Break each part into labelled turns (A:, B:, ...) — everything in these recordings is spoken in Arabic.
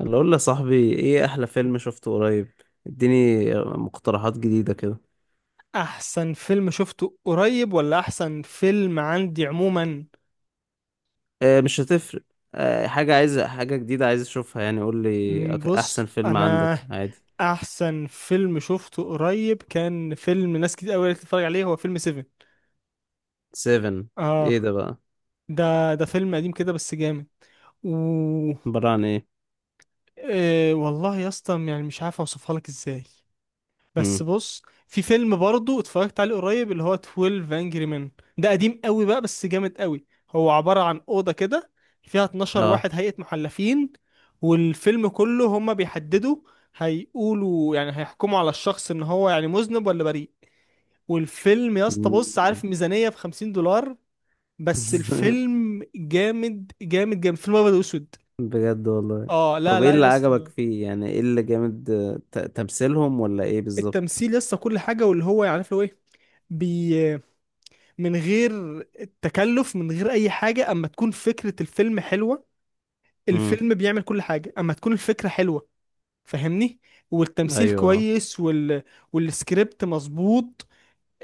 A: اللي اقول يا صاحبي، ايه احلى فيلم شفته قريب؟ اديني مقترحات جديدة كده.
B: احسن فيلم شفته قريب ولا احسن فيلم عندي عموما؟
A: اه، مش هتفرق. اه، حاجة، عايز حاجة جديدة عايز اشوفها يعني. قول لي
B: بص،
A: احسن فيلم
B: انا
A: عندك عادي.
B: احسن فيلم شفته قريب كان فيلم ناس كتير قوي تتفرج عليه، هو فيلم 7.
A: سيفن.
B: اه.
A: ايه ده بقى؟
B: ده فيلم قديم كده بس جامد. و
A: عبارة عن ايه؟
B: آه والله يا اسطى، يعني مش عارف اوصفها لك ازاي. بس
A: مم.
B: بص، في فيلم برضه اتفرجت عليه قريب، اللي هو 12 انجري مان. ده قديم قوي بقى بس جامد قوي، هو عبارة عن أوضة كده فيها 12
A: اه.
B: واحد هيئة محلفين، والفيلم كله هما بيحددوا، هيقولوا يعني هيحكموا على الشخص ان هو يعني مذنب ولا بريء. والفيلم يا اسطى، بص،
A: مم.
B: عارف ميزانية ب 50 دولار. بس الفيلم جامد جامد جامد، فيلم ابيض واسود.
A: بجد والله؟
B: اه، لا
A: طب ايه
B: لا
A: اللي
B: يا
A: عجبك
B: اسطى.
A: فيه يعني؟ ايه اللي جامد، تمثيلهم ولا ايه بالظبط؟
B: التمثيل يا اسطى كل حاجة، واللي هو يعني عارف اللي هو ايه، بي من غير التكلف، من غير اي حاجه اما تكون فكره الفيلم حلوه.
A: مم.
B: الفيلم بيعمل كل حاجه اما تكون الفكره حلوه. فاهمني. والتمثيل
A: ايوه،
B: كويس، والسكريبت مظبوط،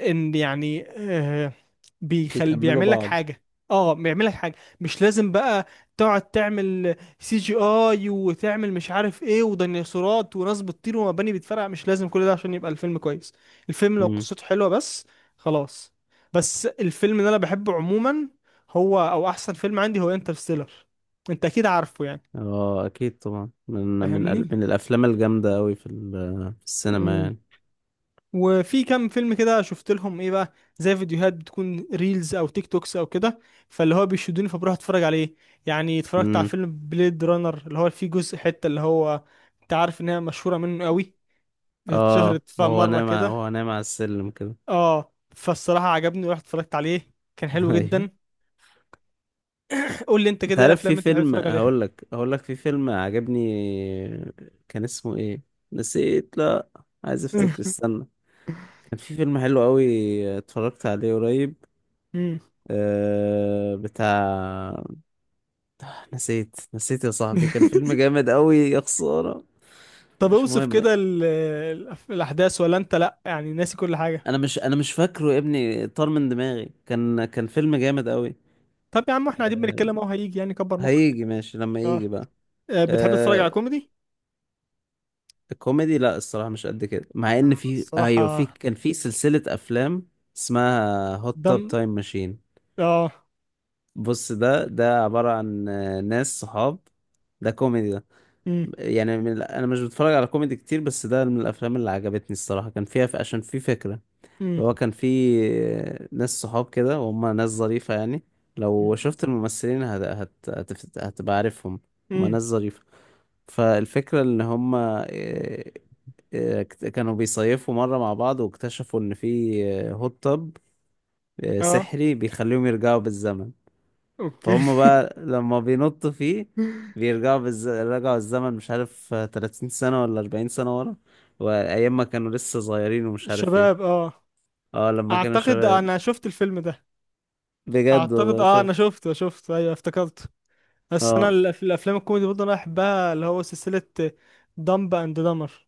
B: ان يعني بيخل،
A: بيكملوا
B: بيعمل لك
A: بعض.
B: حاجه. اه، بيعمل لك حاجه. مش لازم بقى تقعد تعمل سي جي اي وتعمل مش عارف ايه وديناصورات وناس بتطير ومباني بتفرقع، مش لازم كل ده عشان يبقى الفيلم كويس. الفيلم لو قصته حلوه بس، خلاص. بس الفيلم اللي انا بحبه عموما، هو او احسن فيلم عندي، هو انترستيلر. انت اكيد عارفه يعني.
A: اه اكيد طبعا،
B: فاهمني.
A: من الافلام الجامده قوي في السينما يعني.
B: وفي كام فيلم كده شفت لهم ايه بقى، زي فيديوهات بتكون ريلز او تيك توكس او كده، فاللي هو بيشدوني فبروح اتفرج عليه. يعني اتفرجت على
A: امم.
B: فيلم بليد رانر، اللي هو فيه جزء حتة، اللي هو انت عارف ان هي مشهورة منه قوي،
A: اه،
B: اتشهرت مرة كده.
A: وهو نايم على السلم كده.
B: اه، فالصراحة عجبني ورحت اتفرجت عليه، كان حلو
A: ايوه.
B: جدا. قول لي انت
A: انت
B: كده، ايه
A: عارف
B: الافلام
A: في
B: اللي انت بتحب
A: فيلم،
B: تتفرج عليها؟
A: هقول لك في فيلم عجبني. كان اسمه ايه؟ نسيت، لا. عايز افتكر، استنى. كان في فيلم حلو قوي، اتفرجت عليه قريب.
B: مم.
A: بتاع. نسيت يا صاحبي، كان فيلم جامد قوي يا خساره.
B: طب
A: مش
B: اوصف
A: مهم.
B: كده الاحداث، ولا انت لا يعني ناسي كل حاجة؟
A: انا مش فاكره يا ابني، طار من دماغي. كان فيلم جامد قوي.
B: طب يا عم، احنا قاعدين بنتكلم اهو، هيجي يعني، كبر مخك.
A: هيجي، ماشي لما
B: اه.
A: يجي بقى.
B: بتحب تتفرج على
A: آه.
B: كوميدي؟
A: الكوميدي لا، الصراحة مش قد كده، مع ان في، ايوه، في،
B: الصراحة.
A: كان في سلسلة افلام اسمها هوت
B: دم.
A: توب تايم ماشين.
B: اه.
A: بص، ده عبارة عن ناس صحاب. ده كوميدي ده.
B: امم.
A: يعني انا مش بتفرج على كوميدي كتير، بس ده من الافلام اللي عجبتني الصراحة. كان فيها عشان في فكرة.
B: امم.
A: اللي هو كان فيه ناس صحاب كده، وهم ناس ظريفة يعني. لو شفت الممثلين هتبقى عارفهم. هم
B: امم.
A: ناس ظريفة. فالفكرة ان هم، كانوا بيصيفوا مرة مع بعض، واكتشفوا ان في هوت تب
B: اه.
A: سحري بيخليهم يرجعوا بالزمن.
B: اوكي.
A: فهم بقى لما بينطوا فيه، رجعوا الزمن مش عارف، 30 سنة ولا 40 سنة ورا. وأيام ما كانوا لسه صغيرين ومش عارف ايه.
B: شباب، اه.
A: اه، لما كانوا
B: اعتقد
A: شباب.
B: انا شفت الفيلم ده.
A: بجد
B: اعتقد،
A: والله؟
B: انا
A: شفت؟
B: شفته، ايوه افتكرته. بس انا
A: اه
B: الافلام الكوميدي برضه انا بحبها، اللي هو سلسله دمب اند دمر.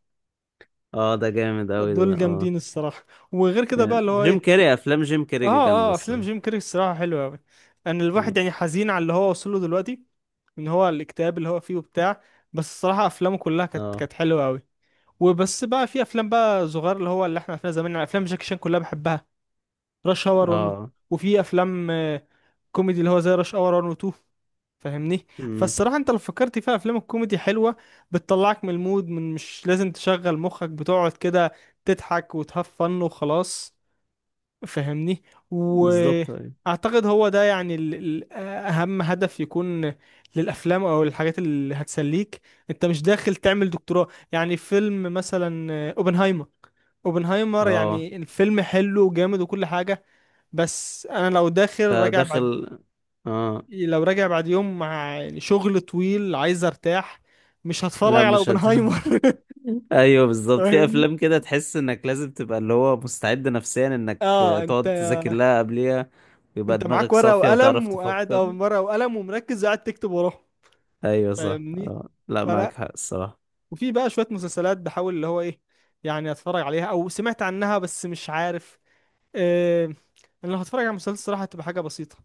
A: اه، ده جامد اوي ده،
B: دول
A: اه.
B: جامدين الصراحه. وغير كده بقى،
A: يعني
B: اللي هو
A: جيم
B: ايه؟
A: كاري، افلام جيم
B: اه،
A: كاري جامده
B: اه، افلام
A: الصراحه.
B: جيم كاري الصراحه حلوه قوي. ان
A: م.
B: الواحد يعني حزين على اللي هو وصل له دلوقتي، ان هو الاكتئاب اللي هو فيه وبتاع. بس الصراحه افلامه كلها كانت
A: اه.
B: كانت حلوه قوي. وبس بقى، في افلام بقى صغير اللي هو، اللي احنا عرفناها زمان، يعني افلام جاكي شان كلها بحبها، راش اور 1.
A: اه.
B: وفي افلام كوميدي، اللي هو زي راش اور 1 و 2. فاهمني.
A: م.
B: فالصراحه انت لو فكرت فيها، افلام الكوميدي حلوه، بتطلعك من المود، من مش لازم تشغل مخك، بتقعد كده تضحك وتهفن وخلاص. فاهمني.
A: بالظبط، ايوه.
B: واعتقد هو ده يعني اهم هدف يكون للافلام او الحاجات اللي هتسليك. انت مش داخل تعمل دكتوراه، يعني فيلم مثلا اوبنهايمر. اوبنهايمر،
A: اه،
B: يعني الفيلم حلو وجامد وكل حاجة. بس انا لو داخل راجع بعد،
A: فداخل. اه،
B: لو راجع بعد يوم مع يعني شغل طويل، عايز ارتاح، مش هتفرج
A: لا،
B: على
A: مش
B: اوبنهايمر.
A: ايوه بالظبط، في
B: فاهمني.
A: افلام كده تحس انك لازم تبقى اللي هو مستعد نفسيا انك
B: اه، انت
A: تقعد تذاكر لها قبليها، ويبقى
B: انت معاك
A: دماغك
B: ورقة
A: صافيه وتعرف
B: وقلم، وقاعد
A: تفكر.
B: ورقة وقلم ومركز، قاعد تكتب وراه.
A: ايوه صح،
B: فاهمني.
A: اه، لا
B: فلا،
A: معاك حق الصراحه.
B: وفي بقى شوية مسلسلات بحاول، اللي هو ايه، يعني اتفرج عليها او سمعت عنها، بس مش عارف. آه انا لو هتفرج على مسلسل، صراحة هتبقى حاجة بسيطة.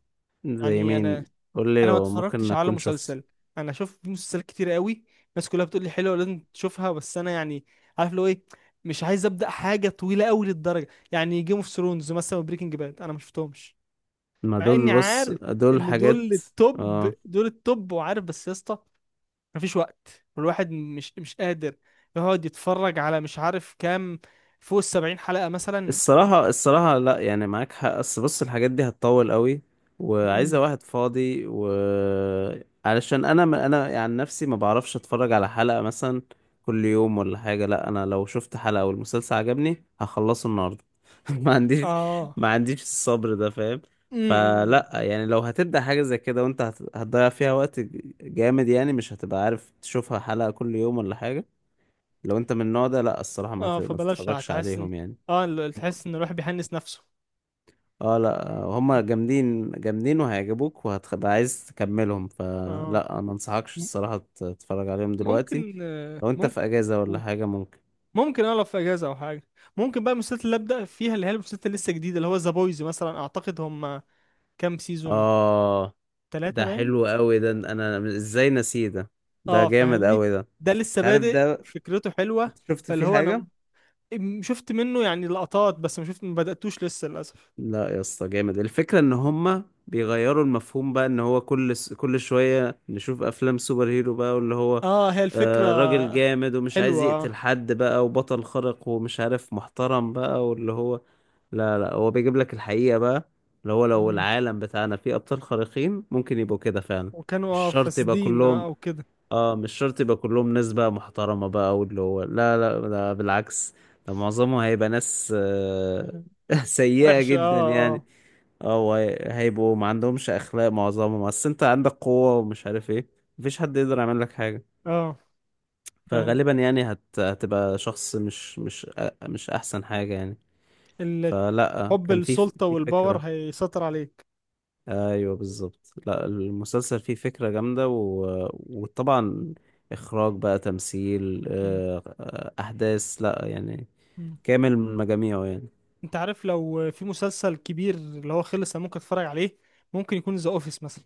A: زي
B: يعني انا
A: مين؟ قول لي،
B: انا ما
A: ممكن
B: اتفرجتش على
A: اكون شفت.
B: مسلسل. انا شفت مسلسلات كتير قوي. الناس كلها بتقول لي حلوة، لازم تشوفها، بس انا يعني عارف لو ايه، مش عايز ابدا حاجة طويلة قوي للدرجة، يعني جيم اوف ثرونز مثلا، وبريكنج باد انا ما شفتهمش.
A: ما
B: مع
A: دول،
B: اني
A: بص
B: عارف
A: دول
B: ان دول
A: حاجات.
B: التوب،
A: اه،
B: دول التوب وعارف، بس يا اسطى مفيش وقت، والواحد مش قادر يقعد يتفرج على مش عارف كام، فوق السبعين حلقة مثلا.
A: الصراحة لا يعني معاك حق، بس بص الحاجات دي هتطول قوي،
B: مم.
A: وعايزة واحد فاضي و... علشان انا ما انا يعني نفسي ما بعرفش اتفرج على حلقة مثلا كل يوم ولا حاجة. لا، انا لو شفت حلقة والمسلسل عجبني هخلصه النهاردة. ما عنديش
B: اه.
A: ما عنديش الصبر ده، فاهم؟
B: امم.
A: فلا يعني، لو هتبدأ حاجة زي كده وانت هتضيع فيها وقت جامد يعني، مش هتبقى عارف تشوفها حلقة كل يوم ولا حاجة. لو انت من النوع ده لا الصراحة
B: اه،
A: ما
B: فبلاش،
A: تتفرجش
B: هتحس ان،
A: عليهم يعني.
B: اه، تحس ان الواحد بيحنس نفسه.
A: اه لا، هما جامدين جامدين وهيعجبوك وهتبقى عايز تكملهم،
B: اه.
A: فلا ما انصحكش
B: م-
A: الصراحة تتفرج عليهم دلوقتي.
B: ممكن آه،
A: لو انت
B: ممكن
A: في اجازة ولا حاجة، ممكن.
B: ممكن انا لو في اجازه او حاجه، ممكن بقى المسلسلات اللي ابدا فيها، اللي هي المسلسلات اللي لسه جديده، اللي هو ذا بويز مثلا، اعتقد هم كام سيزون،
A: اه،
B: ثلاثة
A: ده
B: باين.
A: حلو قوي ده، انا ازاي نسيه ده؟ ده
B: اه،
A: جامد
B: فاهمني.
A: قوي ده.
B: ده لسه
A: انت عارف
B: بادئ،
A: ده؟
B: فكرته حلوه.
A: انت شفت
B: فاللي
A: فيه
B: هو انا
A: حاجة؟
B: شفت منه يعني لقطات، بس ما شفت، ما بدأتوش لسه للأسف.
A: لا يا اسطى، جامد. الفكرة ان هما بيغيروا المفهوم بقى، ان هو كل شوية نشوف افلام سوبر هيرو بقى، واللي هو
B: اه، هي الفكرة
A: راجل جامد ومش عايز
B: حلوة، آه.
A: يقتل حد بقى، وبطل خارق ومش عارف، محترم بقى، واللي هو لا لا، هو بيجيب لك الحقيقة بقى. اللي هو لو
B: مم.
A: العالم بتاعنا فيه ابطال خارقين ممكن يبقوا كده فعلا.
B: وكانوا
A: مش شرط يبقى
B: فاسدين
A: كلهم.
B: او كده،
A: اه، مش شرط يبقى كلهم ناس بقى محترمة بقى، واللي هو لا لا ده بالعكس. ده معظمهم هيبقى ناس سيئة
B: وحش،
A: جدا
B: اه.
A: يعني.
B: اه.
A: اه، هيبقوا ما عندهمش أخلاق معظمهم، أصل أنت عندك قوة ومش عارف ايه، مفيش حد يقدر يعمل لك حاجة.
B: اه، فاهم،
A: فغالبا يعني هتبقى شخص مش أحسن حاجة يعني.
B: ال-
A: فلا،
B: حب
A: كان في
B: السلطة
A: في
B: والباور
A: فكرة.
B: هيسيطر عليك.
A: ايوه بالظبط، لا المسلسل فيه فكرة جامدة و...
B: مم.
A: وطبعا اخراج بقى، تمثيل،
B: مم.
A: احداث، لا يعني
B: مم.
A: كامل من مجاميعه يعني.
B: انت عارف، لو في مسلسل كبير اللي هو خلص، انا ممكن اتفرج عليه. ممكن يكون ذا اوفيس مثلا،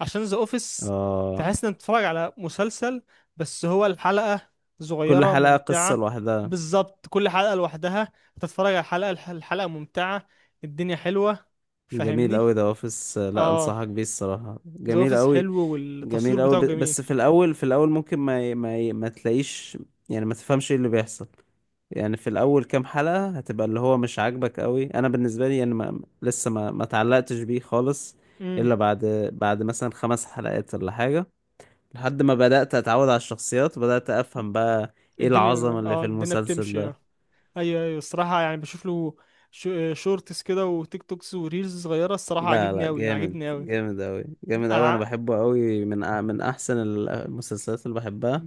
B: عشان ذا اوفيس
A: آه.
B: تحس انك بتتفرج على مسلسل، بس هو الحلقة
A: كل
B: صغيرة
A: حلقة قصة
B: ممتعة.
A: لوحدها.
B: بالظبط كل حلقة لوحدها، تتفرج على الحلقة، الحلقة ممتعة، الدنيا حلوة.
A: جميل
B: فاهمني.
A: قوي ده اوفيس، لا
B: اه،
A: انصحك بيه الصراحة
B: ذا
A: جميل
B: اوفيس
A: قوي.
B: حلو والتصوير
A: جميل قوي،
B: بتاعه جميل.
A: بس في الاول ممكن ما تلاقيش يعني، ما تفهمش ايه اللي بيحصل. يعني في الاول كام حلقة هتبقى اللي هو مش عاجبك قوي، انا بالنسبة لي يعني ما لسه ما اتعلقتش بيه خالص،
B: امم.
A: الا بعد، بعد مثلا 5 حلقات ولا حاجة، لحد ما بدأت اتعود على الشخصيات وبدأت افهم بقى ايه العظمة
B: الدنيا
A: اللي
B: اه
A: في
B: الدنيا
A: المسلسل
B: بتمشي،
A: ده.
B: اه. ايوه، ايوه، الصراحة يعني بشوف له شورتس كده وتيك توكس وريلز صغيرة، الصراحة
A: لا
B: عاجبني
A: لا،
B: اوي
A: جامد
B: عاجبني اوي.
A: جامد قوي جامد قوي، انا
B: على-
A: بحبه قوي، من احسن المسلسلات اللي بحبها،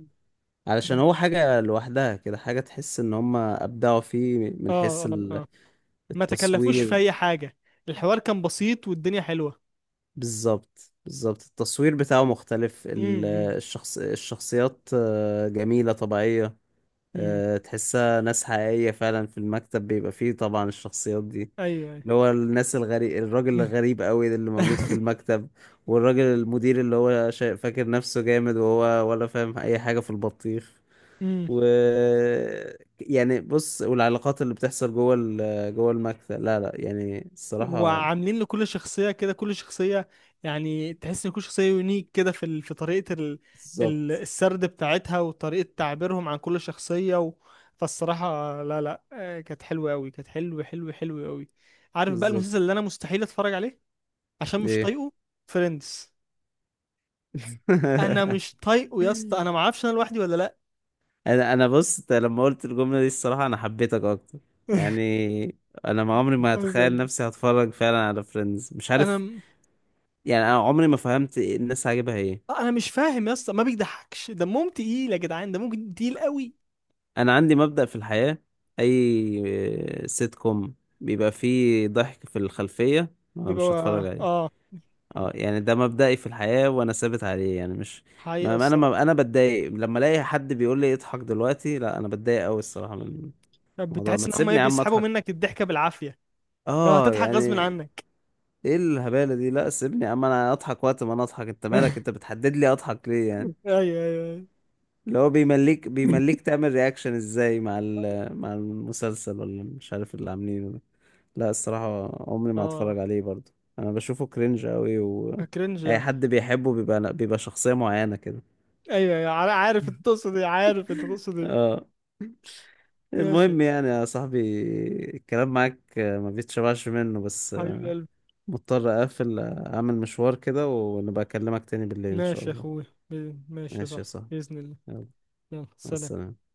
A: علشان هو حاجة لوحدها كده، حاجة تحس ان هم ابدعوا فيه من
B: اه،
A: حيث
B: اه، آه. ما تكلفوش في
A: التصوير.
B: اي حاجه، الحوار كان بسيط والدنيا حلوه.
A: بالظبط بالظبط، التصوير بتاعه مختلف،
B: امم،
A: الشخصيات جميلة طبيعية،
B: امم.
A: تحسها ناس حقيقية فعلا، في المكتب بيبقى فيه طبعا الشخصيات دي،
B: ايوه، ايوه.
A: اللي هو الناس الغريب، الراجل الغريب قوي ده اللي موجود في المكتب، والراجل المدير اللي هو فاكر نفسه جامد وهو ولا فاهم أي حاجة في البطيخ،
B: امم.
A: و... يعني بص، والعلاقات اللي بتحصل جوه المكتب، لا لا يعني الصراحة
B: وعاملين لكل شخصيه كده، كل شخصيه، يعني تحس ان كل شخصيه يونيك كده، في في طريقه، ال ال
A: بالظبط
B: السرد بتاعتها، وطريقه تعبيرهم عن كل شخصيه، فالصراحه لا لا كانت حلوه قوي، كانت حلوه حلوه حلوه قوي. عارف بقى
A: بالظبط،
B: المسلسل اللي انا مستحيل اتفرج عليه عشان مش
A: ايه!
B: طايقه، فريندز. انا مش طايقه يا اسطى، انا ما اعرفش، انا لوحدي ولا لا.
A: انا بص، أنت لما قلت الجمله دي الصراحه انا حبيتك اكتر، يعني انا ما عمري ما هتخيل نفسي هتفرج فعلا على فريندز، مش
B: انا
A: عارف،
B: م-
A: يعني انا عمري ما فهمت الناس عاجبها ايه.
B: انا مش فاهم يا اسطى، ما بيضحكش، دمهم تقيل يا جدعان، ده ممكن تقيل قوي،
A: انا عندي مبدأ في الحياه، اي سيت كوم بيبقى فيه ضحك في الخلفيه، أنا مش
B: بيبقى،
A: هتفرج عليه.
B: اه.
A: اه يعني، ده مبدئي في الحياه وانا ثابت عليه يعني، مش...
B: حقيقة،
A: ما ما انا ما
B: الصراحة.
A: انا بتضايق لما الاقي حد بيقول لي اضحك دلوقتي، لا انا بتضايق قوي الصراحه من
B: طب
A: الموضوع، ما
B: بتحس ان هم ايه،
A: تسيبني يا عم
B: بيسحبوا
A: اضحك.
B: منك الضحكة بالعافية، لو
A: اه
B: هتضحك غصب
A: يعني،
B: عنك؟
A: ايه الهبالة دي؟ لا سيبني يا عم، انا اضحك وقت ما انا اضحك، انت مالك؟ انت بتحدد لي اضحك ليه يعني؟
B: ايوه، ايوه، ايوه.
A: اللي هو بيمليك تعمل رياكشن ازاي مع المسلسل ولا مش عارف اللي عاملينه ده. لا الصراحة عمري ما
B: اه.
A: هتفرج عليه برضه، انا بشوفه كرنج قوي و...
B: كرنج.
A: اي حد بيحبه بيبقى شخصية معينة كده.
B: ايوه، ايوه، عارف انت تقصد ايه، عارف انت تقصد ايه.
A: اه.
B: ماشي يا
A: المهم
B: اسطى.
A: يعني يا صاحبي، الكلام معاك ما بيتشبعش منه، بس
B: حبيب قلبي.
A: مضطر اقفل، اعمل مشوار كده ونبقى اكلمك تاني بالليل ان شاء
B: ماشي يا
A: الله.
B: اخويا. ماشي يا
A: ماشي يا
B: صاحبي
A: صاحبي،
B: بإذن الله.
A: يلا،
B: يلا،
A: مع
B: سلام.
A: السلامة.